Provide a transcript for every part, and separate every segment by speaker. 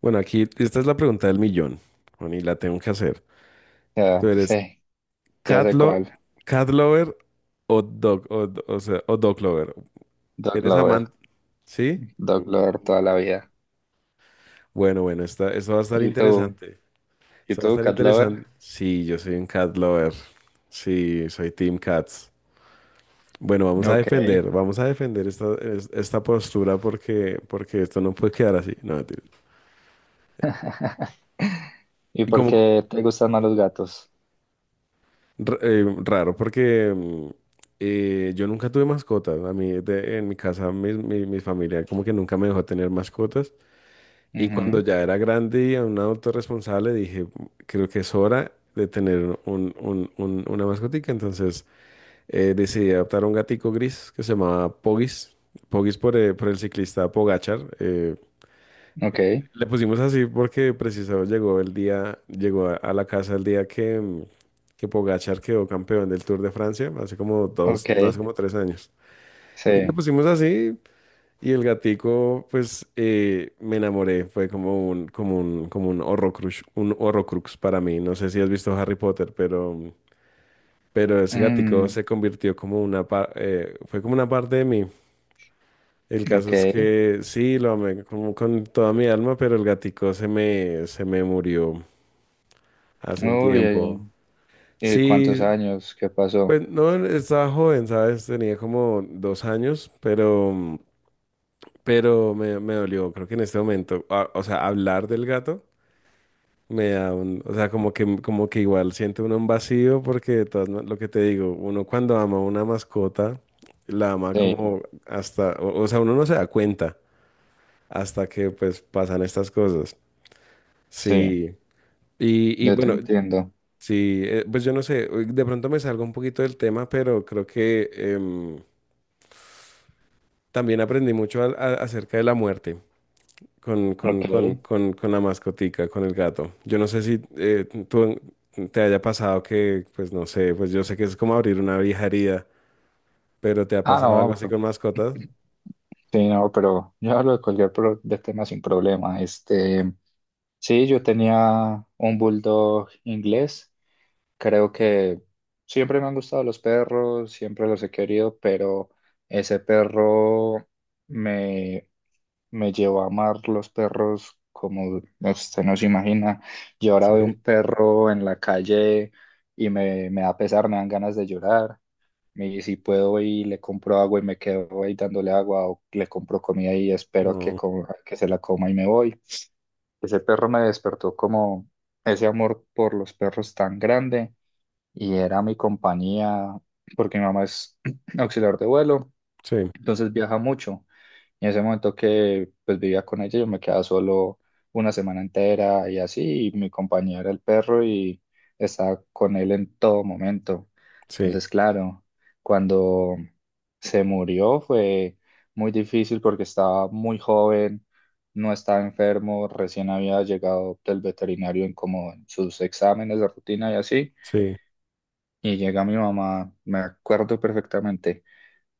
Speaker 1: Bueno, aquí esta es la pregunta del millón, bueno, y la tengo que hacer. ¿Tú
Speaker 2: Ya,
Speaker 1: eres
Speaker 2: sí, ya
Speaker 1: cat,
Speaker 2: sé cuál.
Speaker 1: cat lover o dog, o sea, o dog lover?
Speaker 2: Dog
Speaker 1: ¿Eres
Speaker 2: Lover,
Speaker 1: amante? ¿Sí?
Speaker 2: Dog
Speaker 1: Uh.
Speaker 2: Lover toda la vida.
Speaker 1: Bueno, bueno, esta, esto va a estar
Speaker 2: ¿Y tú?
Speaker 1: interesante.
Speaker 2: ¿Y
Speaker 1: Esto va a
Speaker 2: tú,
Speaker 1: estar
Speaker 2: Cat Lover?
Speaker 1: interesante. Sí, yo soy un cat lover. Sí, soy Team Cats. Bueno,
Speaker 2: Ok.
Speaker 1: vamos a defender esta, esta postura porque, porque esto no puede quedar así. No, mentira.
Speaker 2: ¿Y
Speaker 1: ¿Y
Speaker 2: por
Speaker 1: cómo?
Speaker 2: qué te gustan más los gatos?
Speaker 1: Raro, porque yo nunca tuve mascotas. A mí, en mi casa, mi familia como que nunca me dejó tener mascotas. Y cuando
Speaker 2: Ujú,
Speaker 1: ya era grande y a un adulto responsable, dije, creo que es hora de tener un, una mascotica. Entonces decidí adoptar un gatico gris que se llamaba Pogis. Pogis por el ciclista Pogachar
Speaker 2: ok,
Speaker 1: le pusimos así porque precisado llegó el día, llegó a la casa el día que Pogacar quedó campeón del Tour de Francia, hace como dos,
Speaker 2: ok,
Speaker 1: no, hace como tres años. Y le
Speaker 2: sí.
Speaker 1: pusimos así y el gatico, pues me enamoré, fue como un, como un, como un Horrocrux para mí. No sé si has visto Harry Potter, pero ese gatico
Speaker 2: Mm,
Speaker 1: se convirtió como una, fue como una parte de mí. El caso
Speaker 2: ok.
Speaker 1: es que sí, lo amé como con toda mi alma, pero el gatico se me murió. Hace un
Speaker 2: Uy,
Speaker 1: tiempo.
Speaker 2: ¿y cuántos
Speaker 1: Sí,
Speaker 2: años? ¿Qué pasó?
Speaker 1: pues no, estaba joven, ¿sabes? Tenía como dos años, pero me dolió. Creo que en este momento, o sea, hablar del gato me da un, o sea, como que igual siente uno un vacío porque de todas lo que te digo, uno cuando ama una mascota, la ama
Speaker 2: Sí,
Speaker 1: como hasta, o sea, uno no se da cuenta hasta que pues pasan estas cosas.
Speaker 2: sí,
Speaker 1: Sí. Y
Speaker 2: yo te
Speaker 1: bueno,
Speaker 2: entiendo.
Speaker 1: sí, pues yo no sé, de pronto me salgo un poquito del tema, pero creo que también aprendí mucho acerca de la muerte con, con,
Speaker 2: Ok.
Speaker 1: con, con, con la mascotica, con el gato. Yo no sé si tú te haya pasado que, pues no sé, pues yo sé que es como abrir una vieja herida, pero ¿te ha
Speaker 2: Ah,
Speaker 1: pasado algo
Speaker 2: no,
Speaker 1: así
Speaker 2: pero,
Speaker 1: con mascotas?
Speaker 2: sí, no, pero yo hablo de cualquier de tema sin problema. Este, sí, yo tenía un bulldog inglés. Creo que siempre me han gustado los perros, siempre los he querido, pero ese perro me, me llevó a amar los perros como usted no se imagina. Yo ahora veo
Speaker 1: Sí.
Speaker 2: un perro en la calle y me da pesar, me dan ganas de llorar. Y si puedo y le compro agua y me quedo ahí dándole agua o le compro comida y espero que,
Speaker 1: No.
Speaker 2: que se la coma y me voy. Ese perro me despertó como ese amor por los perros tan grande y era mi compañía, porque mi mamá es auxiliar de vuelo,
Speaker 1: Sí,
Speaker 2: entonces viaja mucho. Y en ese momento que pues vivía con ella, yo me quedaba solo una semana entera y así, y mi compañía era el perro y estaba con él en todo momento.
Speaker 1: sí,
Speaker 2: Entonces, claro, cuando se murió fue muy difícil porque estaba muy joven, no estaba enfermo, recién había llegado del veterinario en como en sus exámenes de rutina y así.
Speaker 1: sí,
Speaker 2: Y llega mi mamá, me acuerdo perfectamente,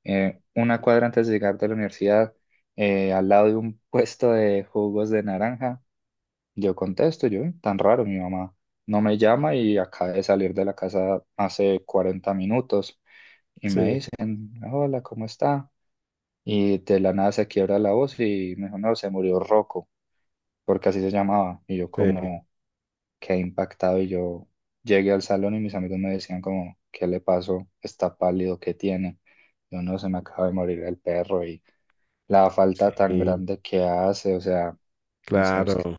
Speaker 2: una cuadra antes de llegar de la universidad, al lado de un puesto de jugos de naranja. Yo contesto, yo, tan raro, mi mamá no me llama y acaba de salir de la casa hace 40 minutos". Y me
Speaker 1: sí,
Speaker 2: dicen, "Hola, ¿cómo está?". Y de la nada se quiebra la voz y me dijo, "No, se murió Rocco", porque así se llamaba. Y yo,
Speaker 1: sí,
Speaker 2: como, quedé impactado y yo llegué al salón y mis amigos me decían como, "¿Qué le pasó? Está pálido, ¿qué tiene?". Yo, "No, se me acaba de morir el perro", y la falta tan
Speaker 1: sí,
Speaker 2: grande que hace, o sea, no sé, es que,
Speaker 1: claro,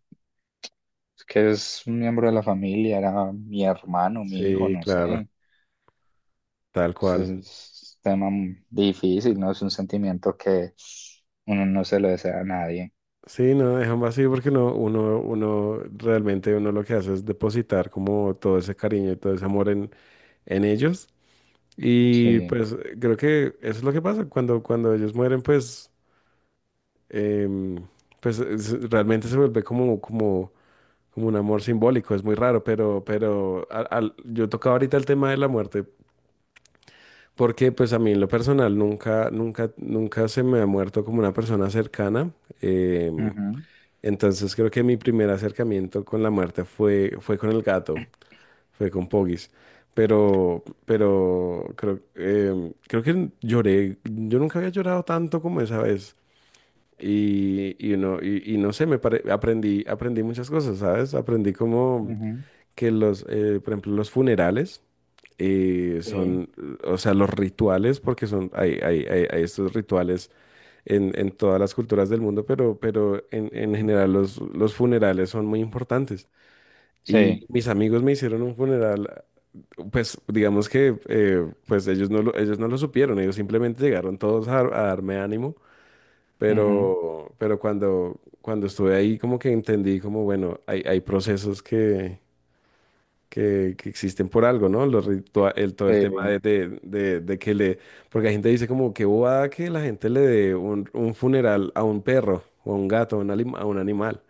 Speaker 2: es que es un miembro de la familia, era mi hermano, mi hijo,
Speaker 1: sí,
Speaker 2: no
Speaker 1: claro,
Speaker 2: sé.
Speaker 1: tal
Speaker 2: Es,
Speaker 1: cual.
Speaker 2: es un tema difícil, ¿no? Es un sentimiento que uno no se lo desea a nadie.
Speaker 1: Sí, no, dejan vacío porque no, uno, uno realmente uno lo que hace es depositar como todo ese cariño y todo ese amor en ellos. Y
Speaker 2: Sí.
Speaker 1: pues creo que eso es lo que pasa. Cuando, cuando ellos mueren, pues, em, pues realmente se vuelve como, como, como un amor simbólico. Es muy raro, pero yo tocaba ahorita el tema de la muerte, porque pues a mí en lo personal nunca, nunca, nunca se me ha muerto como una persona cercana. em,
Speaker 2: Ujú,
Speaker 1: Entonces creo que mi primer acercamiento con la muerte fue, fue con el gato, fue con Pogis. Pero creo, creo que lloré. Yo nunca había llorado tanto como esa vez. Y no sé, aprendí, aprendí muchas cosas, ¿sabes? Aprendí como
Speaker 2: ujú.
Speaker 1: que los, por ejemplo, los funerales
Speaker 2: Sí.
Speaker 1: son, o sea, los rituales, porque son, hay estos rituales en todas las culturas del mundo, pero en general los funerales son muy importantes. Y
Speaker 2: Sí.
Speaker 1: mis amigos me hicieron un funeral, pues digamos que pues ellos no lo supieron, ellos simplemente llegaron todos a darme ánimo,
Speaker 2: Ujú.
Speaker 1: pero cuando, cuando estuve ahí como que entendí como, bueno, hay procesos que existen por algo, ¿no? Los el, todo
Speaker 2: Sí.
Speaker 1: el tema de, de que le... Porque la gente dice como que bobada que la gente le dé un funeral a un perro o a un gato, a un, a un animal.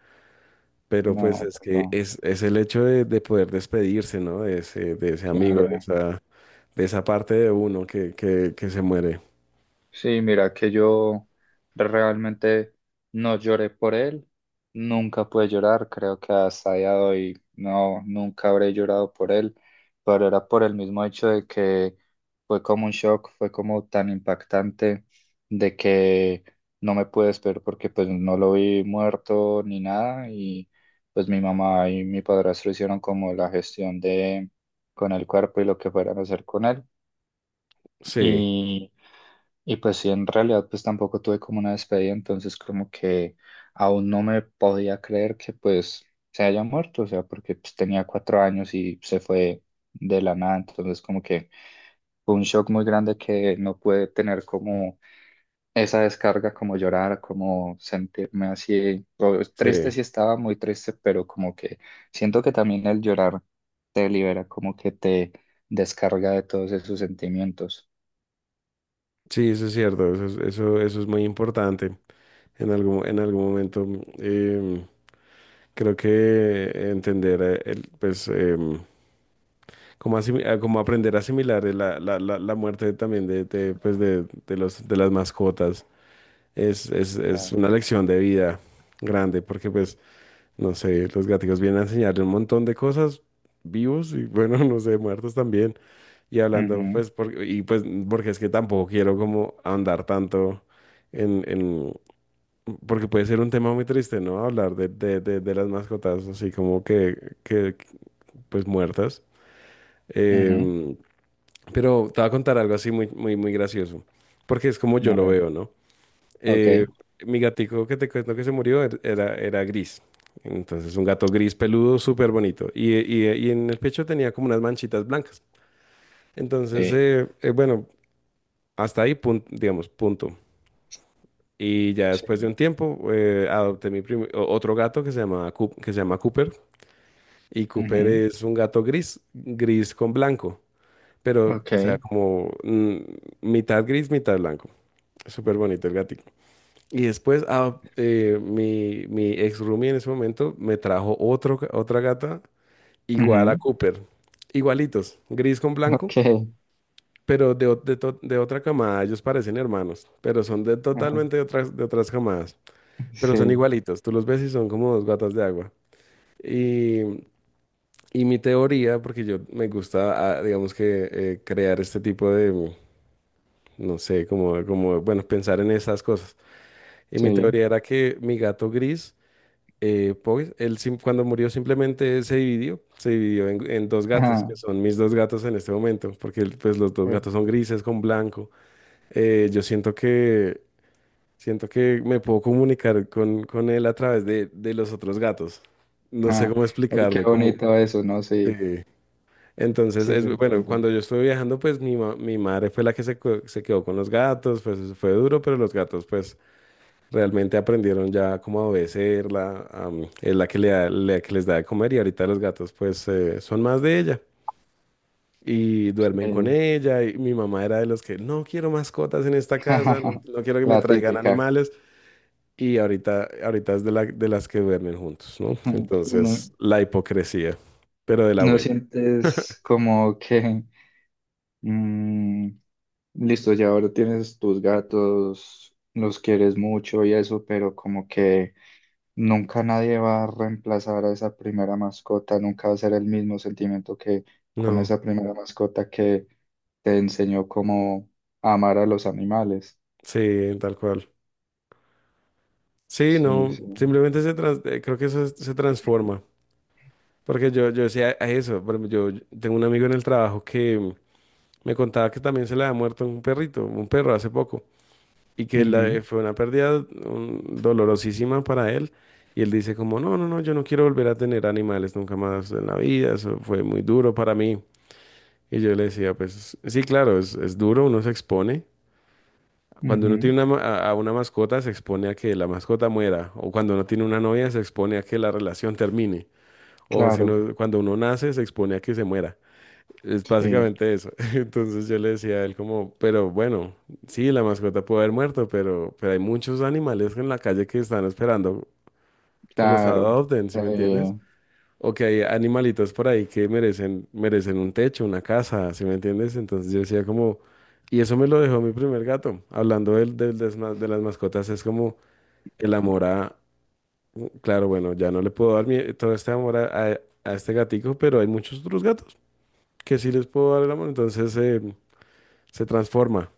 Speaker 1: Pero pues
Speaker 2: No,
Speaker 1: es que
Speaker 2: pero
Speaker 1: es el hecho de poder despedirse, ¿no? De ese amigo,
Speaker 2: claro.
Speaker 1: de esa parte de uno que se muere.
Speaker 2: Sí, mira que yo realmente no lloré por él, nunca pude llorar, creo que hasta día de hoy no, nunca habré llorado por él, pero era por el mismo hecho de que fue como un shock, fue como tan impactante de que no me pude esperar porque pues no lo vi muerto ni nada, y pues mi mamá y mi padrastro hicieron como la gestión de con el cuerpo y lo que fueran a hacer con él,
Speaker 1: Sí,
Speaker 2: y y pues sí, en realidad pues tampoco tuve como una despedida, entonces como que aún no me podía creer que pues se haya muerto, o sea, porque pues tenía 4 años y se fue de la nada, entonces como que fue un shock muy grande que no pude tener como esa descarga, como llorar, como sentirme así,
Speaker 1: sí,
Speaker 2: triste sí estaba, muy triste, pero como que siento que también el llorar te libera, como que te descarga de todos esos sentimientos.
Speaker 1: sí, eso es cierto, eso, eso, eso es muy importante. En algún momento, em, creo que entender, el, pues... como, como aprender a asimilar la, la, la, la muerte también de, pues de, los, de las mascotas es
Speaker 2: Claro.
Speaker 1: una lección de vida grande porque pues, no sé, los gaticos vienen a enseñarle un montón de cosas vivos y bueno, no sé, muertos también. Y hablando
Speaker 2: Ujú,
Speaker 1: pues, por, y pues porque es que tampoco quiero como ahondar tanto en, porque puede ser un tema muy triste, ¿no? Hablar de las mascotas así como que pues muertas.
Speaker 2: ujú.
Speaker 1: Em, pero te voy a contar algo así muy, muy, muy gracioso, porque es como yo
Speaker 2: A
Speaker 1: lo
Speaker 2: ver,
Speaker 1: veo, ¿no?
Speaker 2: ok,
Speaker 1: Eh, mi gatico que te cuento que se murió era, era gris. Entonces, un gato gris peludo, súper bonito. Y y en el pecho tenía como unas manchitas blancas. Entonces,
Speaker 2: sí,
Speaker 1: bueno, hasta ahí, digamos, punto. Y ya
Speaker 2: sí,
Speaker 1: después de un tiempo, adopté mi otro gato que se llama Cooper. Y Cooper
Speaker 2: ujú,
Speaker 1: es un gato gris, gris con blanco. Pero,
Speaker 2: ok,
Speaker 1: o sea, como mitad gris, mitad blanco. Súper bonito el gatito. Y después mi, mi ex roomie en ese momento me trajo otro, otra gata igual a
Speaker 2: ujú,
Speaker 1: Cooper. Igualitos, gris con blanco,
Speaker 2: ok,
Speaker 1: pero de, de otra camada. Ellos parecen hermanos, pero son de
Speaker 2: ajá,
Speaker 1: totalmente de otras camadas. Pero son
Speaker 2: sí,
Speaker 1: igualitos. Tú los ves y son como dos gatas de agua. Y, y mi teoría, porque yo me gusta, digamos que crear este tipo de, no sé, como, como, bueno, pensar en esas cosas. Y mi
Speaker 2: sí,
Speaker 1: teoría era que mi gato gris pues él cuando murió simplemente se dividió en dos gatos,
Speaker 2: ajá,
Speaker 1: que son mis dos gatos en este momento, porque él, pues los dos
Speaker 2: eh,
Speaker 1: gatos son grises con blanco. Yo siento que me puedo comunicar con él a través de los otros gatos. No sé
Speaker 2: ajá,
Speaker 1: cómo
Speaker 2: ay, qué
Speaker 1: explicarme, cómo...
Speaker 2: bonito eso, ¿no? Sí,
Speaker 1: eh, entonces,
Speaker 2: sí,
Speaker 1: es,
Speaker 2: te
Speaker 1: bueno,
Speaker 2: entiendo,
Speaker 1: cuando yo estuve viajando, pues mi, mi madre fue la que se, se quedó con los gatos, pues eso fue duro, pero los gatos, pues realmente aprendieron ya cómo a obedecerla, es la que, la que les da de comer y ahorita los gatos pues son más de ella y duermen con
Speaker 2: sí,
Speaker 1: ella y mi mamá era de los que no quiero mascotas en esta casa, no, no quiero que me
Speaker 2: la
Speaker 1: traigan
Speaker 2: típica,
Speaker 1: animales y ahorita, ahorita es de, de las que duermen juntos, ¿no?
Speaker 2: ujú. Y no,
Speaker 1: Entonces la hipocresía, pero de la
Speaker 2: no
Speaker 1: buena.
Speaker 2: sientes como que, mm, listo, ya ahora tienes tus gatos, los quieres mucho y eso, pero como que nunca nadie va a reemplazar a esa primera mascota, nunca va a ser el mismo sentimiento que con
Speaker 1: No,
Speaker 2: esa primera mascota que te enseñó cómo amar a los animales.
Speaker 1: sí, tal cual. Sí,
Speaker 2: Sí,
Speaker 1: no,
Speaker 2: sí.
Speaker 1: simplemente se creo que eso se transforma. Porque yo decía a eso, por ejemplo, yo yo tengo un amigo en el trabajo que me contaba que también se le había muerto un perrito, un perro hace poco, y que
Speaker 2: Ujú,
Speaker 1: fue una pérdida dolorosísima para él. Y él dice como, no, no, no, yo no quiero volver a tener animales nunca más en la vida, eso fue muy duro para mí. Y yo le decía, pues sí, claro, es duro, uno se expone. Cuando uno
Speaker 2: ujú.
Speaker 1: tiene una, a una mascota, se expone a que la mascota muera. O cuando uno tiene una novia, se expone a que la relación termine. O si
Speaker 2: Claro,
Speaker 1: uno, cuando uno nace, se expone a que se muera. Es
Speaker 2: sí,
Speaker 1: básicamente eso. Entonces yo le decía a él como, pero bueno, sí, la mascota puede haber muerto, pero hay muchos animales en la calle que están esperando que los
Speaker 2: claro.
Speaker 1: adopten, ¿sí
Speaker 2: Sí,
Speaker 1: me entiendes? O que hay animalitos por ahí que merecen, merecen un techo, una casa, ¿sí me entiendes? Entonces yo decía como, y eso me lo dejó mi primer gato. Hablando del, del, de las mascotas, es como el amor a, claro, bueno, ya no le puedo dar todo este amor a, a este gatico, pero hay muchos otros gatos que sí les puedo dar el amor. Entonces... se transforma.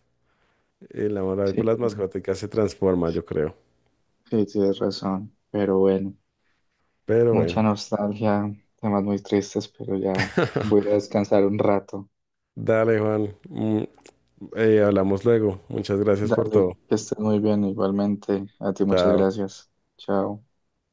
Speaker 1: El amor
Speaker 2: sí,
Speaker 1: por las mascotas se transforma, yo creo.
Speaker 2: sí, tienes razón. Pero bueno,
Speaker 1: Pero
Speaker 2: mucha
Speaker 1: bueno,
Speaker 2: nostalgia, temas muy tristes, pero ya voy a descansar un rato.
Speaker 1: dale, Juan. Hablamos luego. Muchas gracias por
Speaker 2: Dale,
Speaker 1: todo.
Speaker 2: que estés muy bien igualmente. A ti muchas
Speaker 1: Chao.
Speaker 2: gracias. Chao.